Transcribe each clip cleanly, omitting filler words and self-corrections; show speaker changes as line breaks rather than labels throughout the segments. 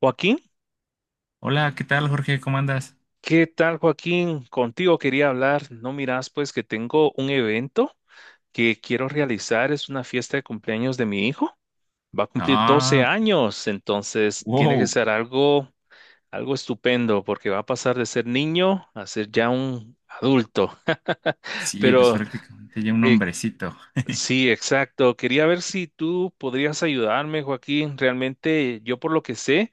Joaquín,
Hola, ¿qué tal, Jorge? ¿Cómo andas?
¿qué tal, Joaquín? Contigo quería hablar. No miras, pues que tengo un evento que quiero realizar. Es una fiesta de cumpleaños de mi hijo. Va a cumplir 12
Ah,
años, entonces tiene que
wow.
ser algo, algo estupendo porque va a pasar de ser niño a ser ya un adulto.
Sí, pues
Pero
prácticamente ya un
eh,
hombrecito.
sí, exacto. Quería ver si tú podrías ayudarme, Joaquín. Realmente yo por lo que sé.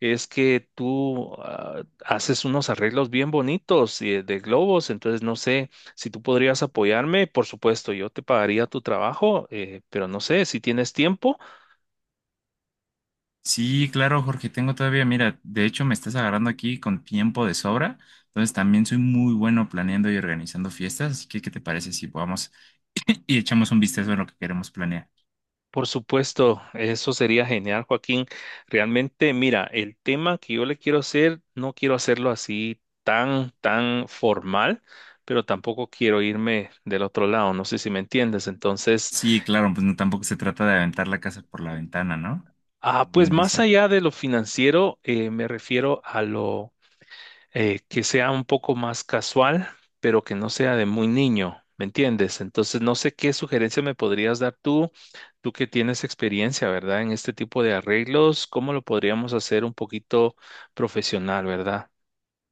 Es que tú haces unos arreglos bien bonitos, de globos, entonces no sé si tú podrías apoyarme. Por supuesto, yo te pagaría tu trabajo, pero no sé si tienes tiempo.
Sí, claro, Jorge, tengo todavía, mira, de hecho me estás agarrando aquí con tiempo de sobra, entonces también soy muy bueno planeando y organizando fiestas, así que ¿qué te parece si vamos y echamos un vistazo a lo que queremos planear?
Por supuesto, eso sería genial, Joaquín. Realmente, mira, el tema que yo le quiero hacer, no quiero hacerlo así tan formal, pero tampoco quiero irme del otro lado, no sé si me entiendes. Entonces,
Sí, claro, pues no tampoco se trata de aventar la casa por la ventana, ¿no? Como
pues
bien
más
dice.
allá de lo financiero, me refiero a lo que sea un poco más casual, pero que no sea de muy niño, ¿me entiendes? Entonces, no sé qué sugerencia me podrías dar tú, tú que tienes experiencia, ¿verdad? En este tipo de arreglos, ¿cómo lo podríamos hacer un poquito profesional, ¿verdad?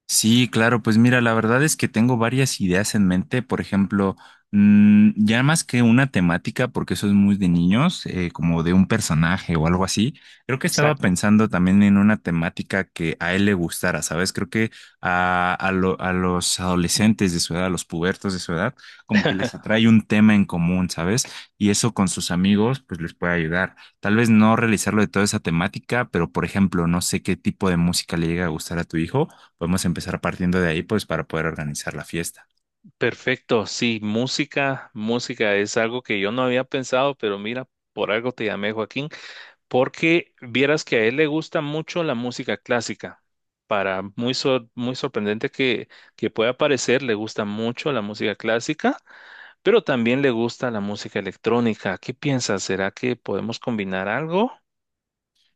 Sí, claro, pues mira, la verdad es que tengo varias ideas en mente, por ejemplo, ya más que una temática, porque eso es muy de niños, como de un personaje o algo así, creo que estaba
Exacto.
pensando también en una temática que a él le gustara, ¿sabes? Creo que a los adolescentes de su edad, a los pubertos de su edad, como que les atrae un tema en común, ¿sabes? Y eso con sus amigos, pues les puede ayudar. Tal vez no realizarlo de toda esa temática, pero por ejemplo, no sé qué tipo de música le llega a gustar a tu hijo. Podemos empezar partiendo de ahí, pues, para poder organizar la fiesta.
Perfecto, sí, música, música es algo que yo no había pensado, pero mira, por algo te llamé, Joaquín, porque vieras que a él le gusta mucho la música clásica. Para muy, muy sorprendente que pueda parecer, le gusta mucho la música clásica, pero también le gusta la música electrónica. ¿Qué piensas? ¿Será que podemos combinar algo?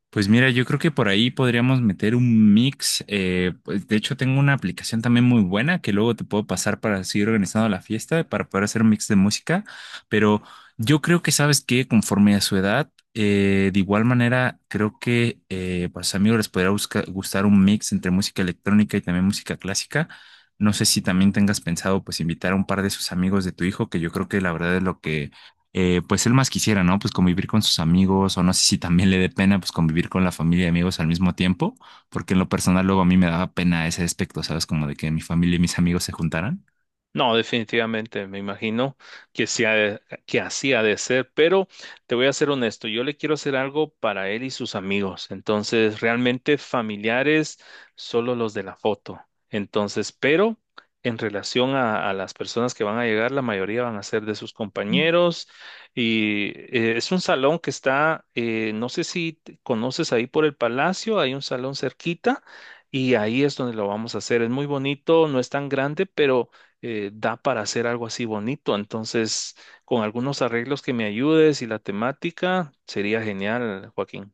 Pues mira, yo creo que por ahí podríamos meter un mix. Pues, de hecho, tengo una aplicación también muy buena que luego te puedo pasar para seguir organizando la fiesta, para poder hacer un mix de música. Pero yo creo que sabes que conforme a su edad, de igual manera, creo que para sus amigos les podría gustar un mix entre música electrónica y también música clásica. No sé si también tengas pensado pues invitar a un par de sus amigos de tu hijo, que yo creo que la verdad es lo que pues él más quisiera, ¿no? Pues convivir con sus amigos, o no sé si también le dé pena, pues convivir con la familia y amigos al mismo tiempo, porque en lo personal luego a mí me daba pena ese aspecto, ¿sabes? Como de que mi familia y mis amigos se juntaran.
No, definitivamente, me imagino que que así ha de ser, pero te voy a ser honesto, yo le quiero hacer algo para él y sus amigos, entonces realmente familiares, solo los de la foto, entonces, pero en relación a las personas que van a llegar, la mayoría van a ser de sus compañeros y es un salón que está, no sé si conoces ahí por el palacio, hay un salón cerquita y ahí es donde lo vamos a hacer, es muy bonito, no es tan grande, pero da para hacer algo así bonito. Entonces, con algunos arreglos que me ayudes y la temática, sería genial, Joaquín.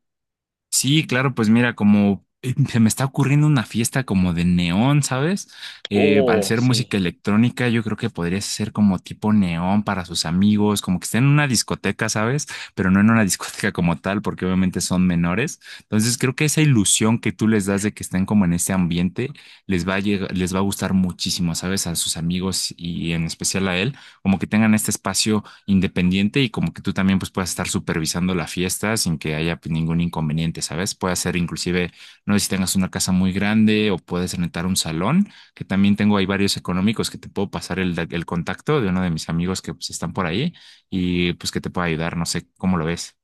Sí, claro, pues mira, como se me está ocurriendo una fiesta como de neón, ¿sabes? Al
Oh,
ser música
sí.
electrónica, yo creo que podrías hacer como tipo neón para sus amigos, como que estén en una discoteca, ¿sabes? Pero no en una discoteca como tal, porque obviamente son menores. Entonces, creo que esa ilusión que tú les das de que estén como en ese ambiente les va a gustar muchísimo, ¿sabes? A sus amigos y en especial a él, como que tengan este espacio independiente y como que tú también pues puedas estar supervisando la fiesta sin que haya pues, ningún inconveniente, ¿sabes? Puede ser inclusive, no sé si tengas una casa muy grande o puedes rentar un salón, que también tengo ahí varios económicos que te puedo pasar el contacto de uno de mis amigos que pues están por ahí y pues que te pueda ayudar, no sé cómo lo ves.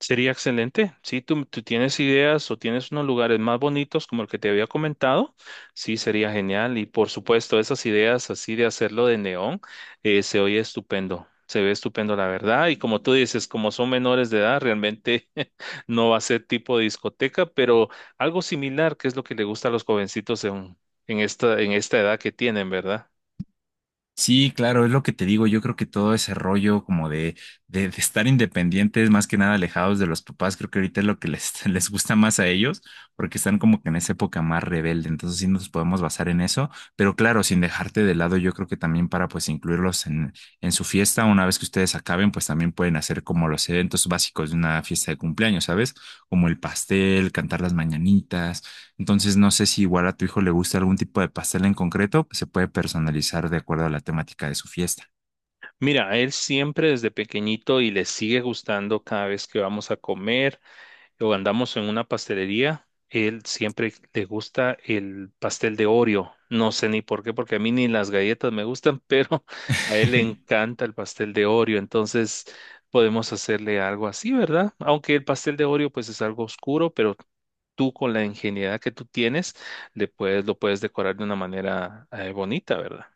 Sería excelente. Si tú, tú tienes ideas o tienes unos lugares más bonitos como el que te había comentado, sí, sería genial. Y por supuesto, esas ideas así de hacerlo de neón, se oye estupendo. Se ve estupendo, la verdad. Y como tú dices, como son menores de edad, realmente no va a ser tipo de discoteca, pero algo similar, que es lo que le gusta a los jovencitos en esta edad que tienen, ¿verdad?
Sí, claro, es lo que te digo. Yo creo que todo ese rollo como de estar independientes, más que nada alejados de los papás, creo que ahorita es lo que les, les gusta más a ellos, porque están como que en esa época más rebelde. Entonces sí nos podemos basar en eso, pero claro, sin dejarte de lado, yo creo que también para pues incluirlos en su fiesta, una vez que ustedes acaben, pues también pueden hacer como los eventos básicos de una fiesta de cumpleaños, ¿sabes? Como el pastel, cantar las mañanitas. Entonces, no sé si igual a tu hijo le gusta algún tipo de pastel en concreto, pues se puede personalizar de acuerdo a la temática de su fiesta.
Mira, a él siempre desde pequeñito y le sigue gustando cada vez que vamos a comer, o andamos en una pastelería, él siempre le gusta el pastel de Oreo. No sé ni por qué, porque a mí ni las galletas me gustan, pero a él le encanta el pastel de Oreo. Entonces podemos hacerle algo así, ¿verdad? Aunque el pastel de Oreo pues es algo oscuro, pero tú con la ingenuidad que tú tienes, le puedes, lo puedes decorar de una manera bonita, ¿verdad?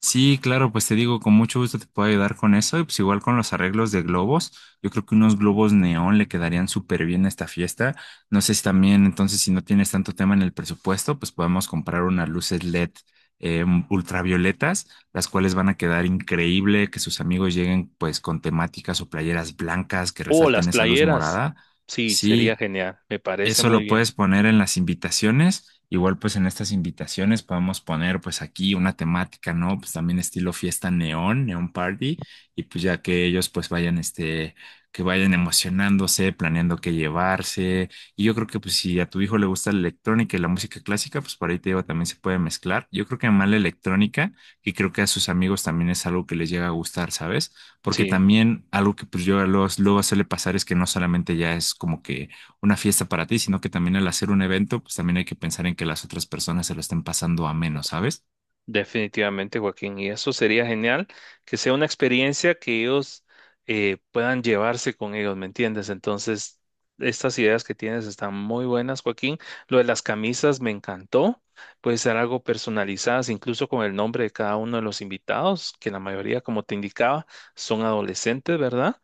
Sí, claro, pues te digo, con mucho gusto te puedo ayudar con eso. Y pues igual con los arreglos de globos, yo creo que unos globos neón le quedarían súper bien a esta fiesta. No sé si también, entonces, si no tienes tanto tema en el presupuesto, pues podemos comprar unas luces LED eh, ultravioletas, las cuales van a quedar increíble, que sus amigos lleguen pues con temáticas o playeras blancas que
O las
resalten esa luz
playeras.
morada.
Sí, sería
Sí.
genial. Me parece
Eso
muy
lo
bien.
puedes poner en las invitaciones. Igual pues en estas invitaciones podemos poner pues aquí una temática, ¿no? Pues también estilo fiesta neón, neón party. Y pues ya que ellos pues vayan este, que vayan emocionándose, planeando qué llevarse. Y yo creo que pues si a tu hijo le gusta la electrónica y la música clásica, pues por ahí te digo, también se puede mezclar. Yo creo que más la electrónica, y creo que a sus amigos también es algo que les llega a gustar, ¿sabes? Porque
Sí.
también algo que pues yo a los luego suele pasar es que no solamente ya es como que una fiesta para ti, sino que también al hacer un evento, pues también hay que pensar en que las otras personas se lo estén pasando a menos, ¿sabes?
Definitivamente, Joaquín, y eso sería genial, que sea una experiencia que ellos puedan llevarse con ellos, ¿me entiendes? Entonces, estas ideas que tienes están muy buenas, Joaquín. Lo de las camisas me encantó, puede ser algo personalizadas, incluso con el nombre de cada uno de los invitados, que la mayoría, como te indicaba, son adolescentes, ¿verdad?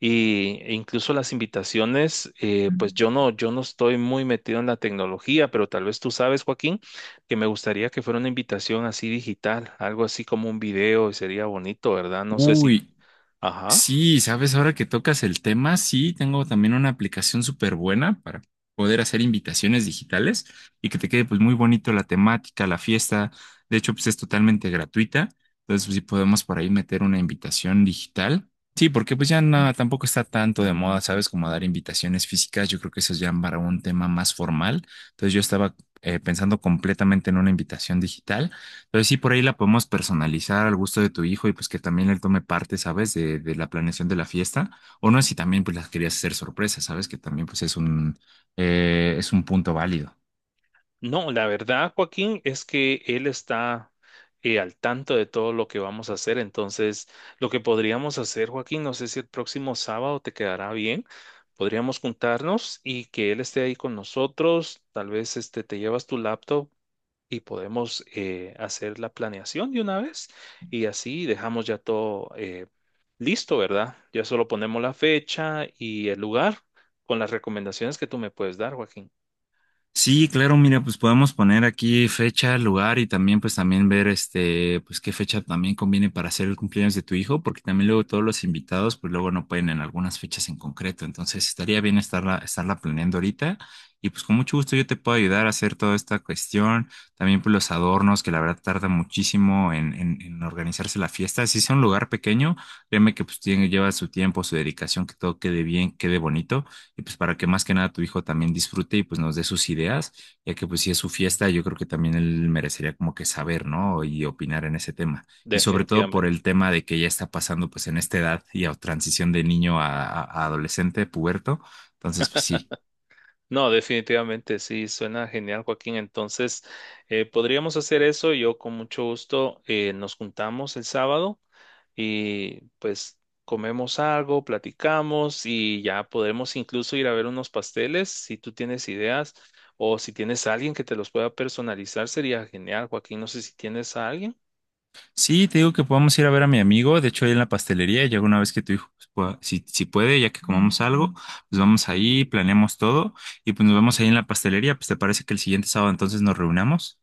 Y e incluso las invitaciones, pues yo no estoy muy metido en la tecnología, pero tal vez tú sabes, Joaquín, que me gustaría que fuera una invitación así digital, algo así como un video, y sería bonito, ¿verdad? No sé si...
Uy,
Ajá.
Sí, sabes, ahora que tocas el tema, sí, tengo también una aplicación súper buena para poder hacer invitaciones digitales y que te quede pues muy bonito la temática, la fiesta. De hecho, pues es totalmente gratuita. Entonces, pues, sí podemos por ahí meter una invitación digital. Sí, porque pues ya no, tampoco está tanto de moda, ¿sabes? Como dar invitaciones físicas. Yo creo que eso es ya para un tema más formal. Entonces, yo estaba pensando completamente en una invitación digital. Pero sí, por ahí la podemos personalizar al gusto de tu hijo y pues que también él tome parte, ¿sabes? De la planeación de la fiesta. O no, si también pues las querías hacer sorpresa, ¿sabes? Que también pues es un punto válido.
No, la verdad, Joaquín, es que él está al tanto de todo lo que vamos a hacer. Entonces, lo que podríamos hacer, Joaquín, no sé si el próximo sábado te quedará bien. Podríamos juntarnos y que él esté ahí con nosotros. Tal vez este, te llevas tu laptop y podemos hacer la planeación de una vez y así dejamos ya todo listo, ¿verdad? Ya solo ponemos la fecha y el lugar con las recomendaciones que tú me puedes dar, Joaquín.
Sí, claro, mira, pues podemos poner aquí fecha, lugar y también pues también ver este, pues qué fecha también conviene para hacer el cumpleaños de tu hijo, porque también luego todos los invitados pues luego no pueden en algunas fechas en concreto, entonces estaría bien estarla planeando ahorita y pues con mucho gusto yo te puedo ayudar a hacer toda esta cuestión, también pues los adornos que la verdad tarda muchísimo en organizarse la fiesta, si es un lugar pequeño, créeme que pues tiene, lleva su tiempo, su dedicación, que todo quede bien, quede bonito y pues para que más que nada tu hijo también disfrute y pues nos dé sus ideas, ya que pues si es su fiesta, yo creo que también él merecería como que saber, ¿no? Y opinar en ese tema. Y sobre todo por
Definitivamente.
el tema de que ya está pasando pues en esta edad y a transición de niño a adolescente, puberto. Entonces, pues sí.
No, definitivamente sí, suena genial, Joaquín. Entonces, podríamos hacer eso. Yo con mucho gusto nos juntamos el sábado y pues comemos algo, platicamos y ya podremos incluso ir a ver unos pasteles. Si tú tienes ideas o si tienes a alguien que te los pueda personalizar, sería genial, Joaquín. No sé si tienes a alguien.
Sí, te digo que podamos ir a ver a mi amigo, de hecho ahí en la pastelería, ya alguna vez que tu hijo, pues, si, si puede, ya que comamos algo, pues vamos ahí, planeamos todo y pues nos vemos ahí en la pastelería, pues te parece que el siguiente sábado entonces nos reunamos.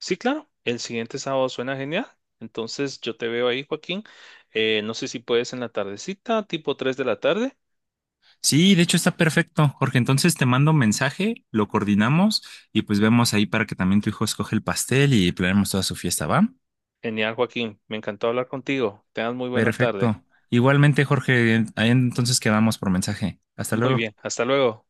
Sí, claro, el siguiente sábado suena genial. Entonces, yo te veo ahí, Joaquín. No sé si puedes en la tardecita, tipo 3 de la tarde.
Sí, de hecho está perfecto, Jorge. Entonces te mando un mensaje, lo coordinamos y pues vemos ahí para que también tu hijo escoge el pastel y planeemos toda su fiesta, ¿va?
Genial, Joaquín. Me encantó hablar contigo. Tengas muy buena tarde.
Perfecto. Igualmente, Jorge, ahí entonces quedamos por mensaje. Hasta
Muy
luego.
bien. Hasta luego.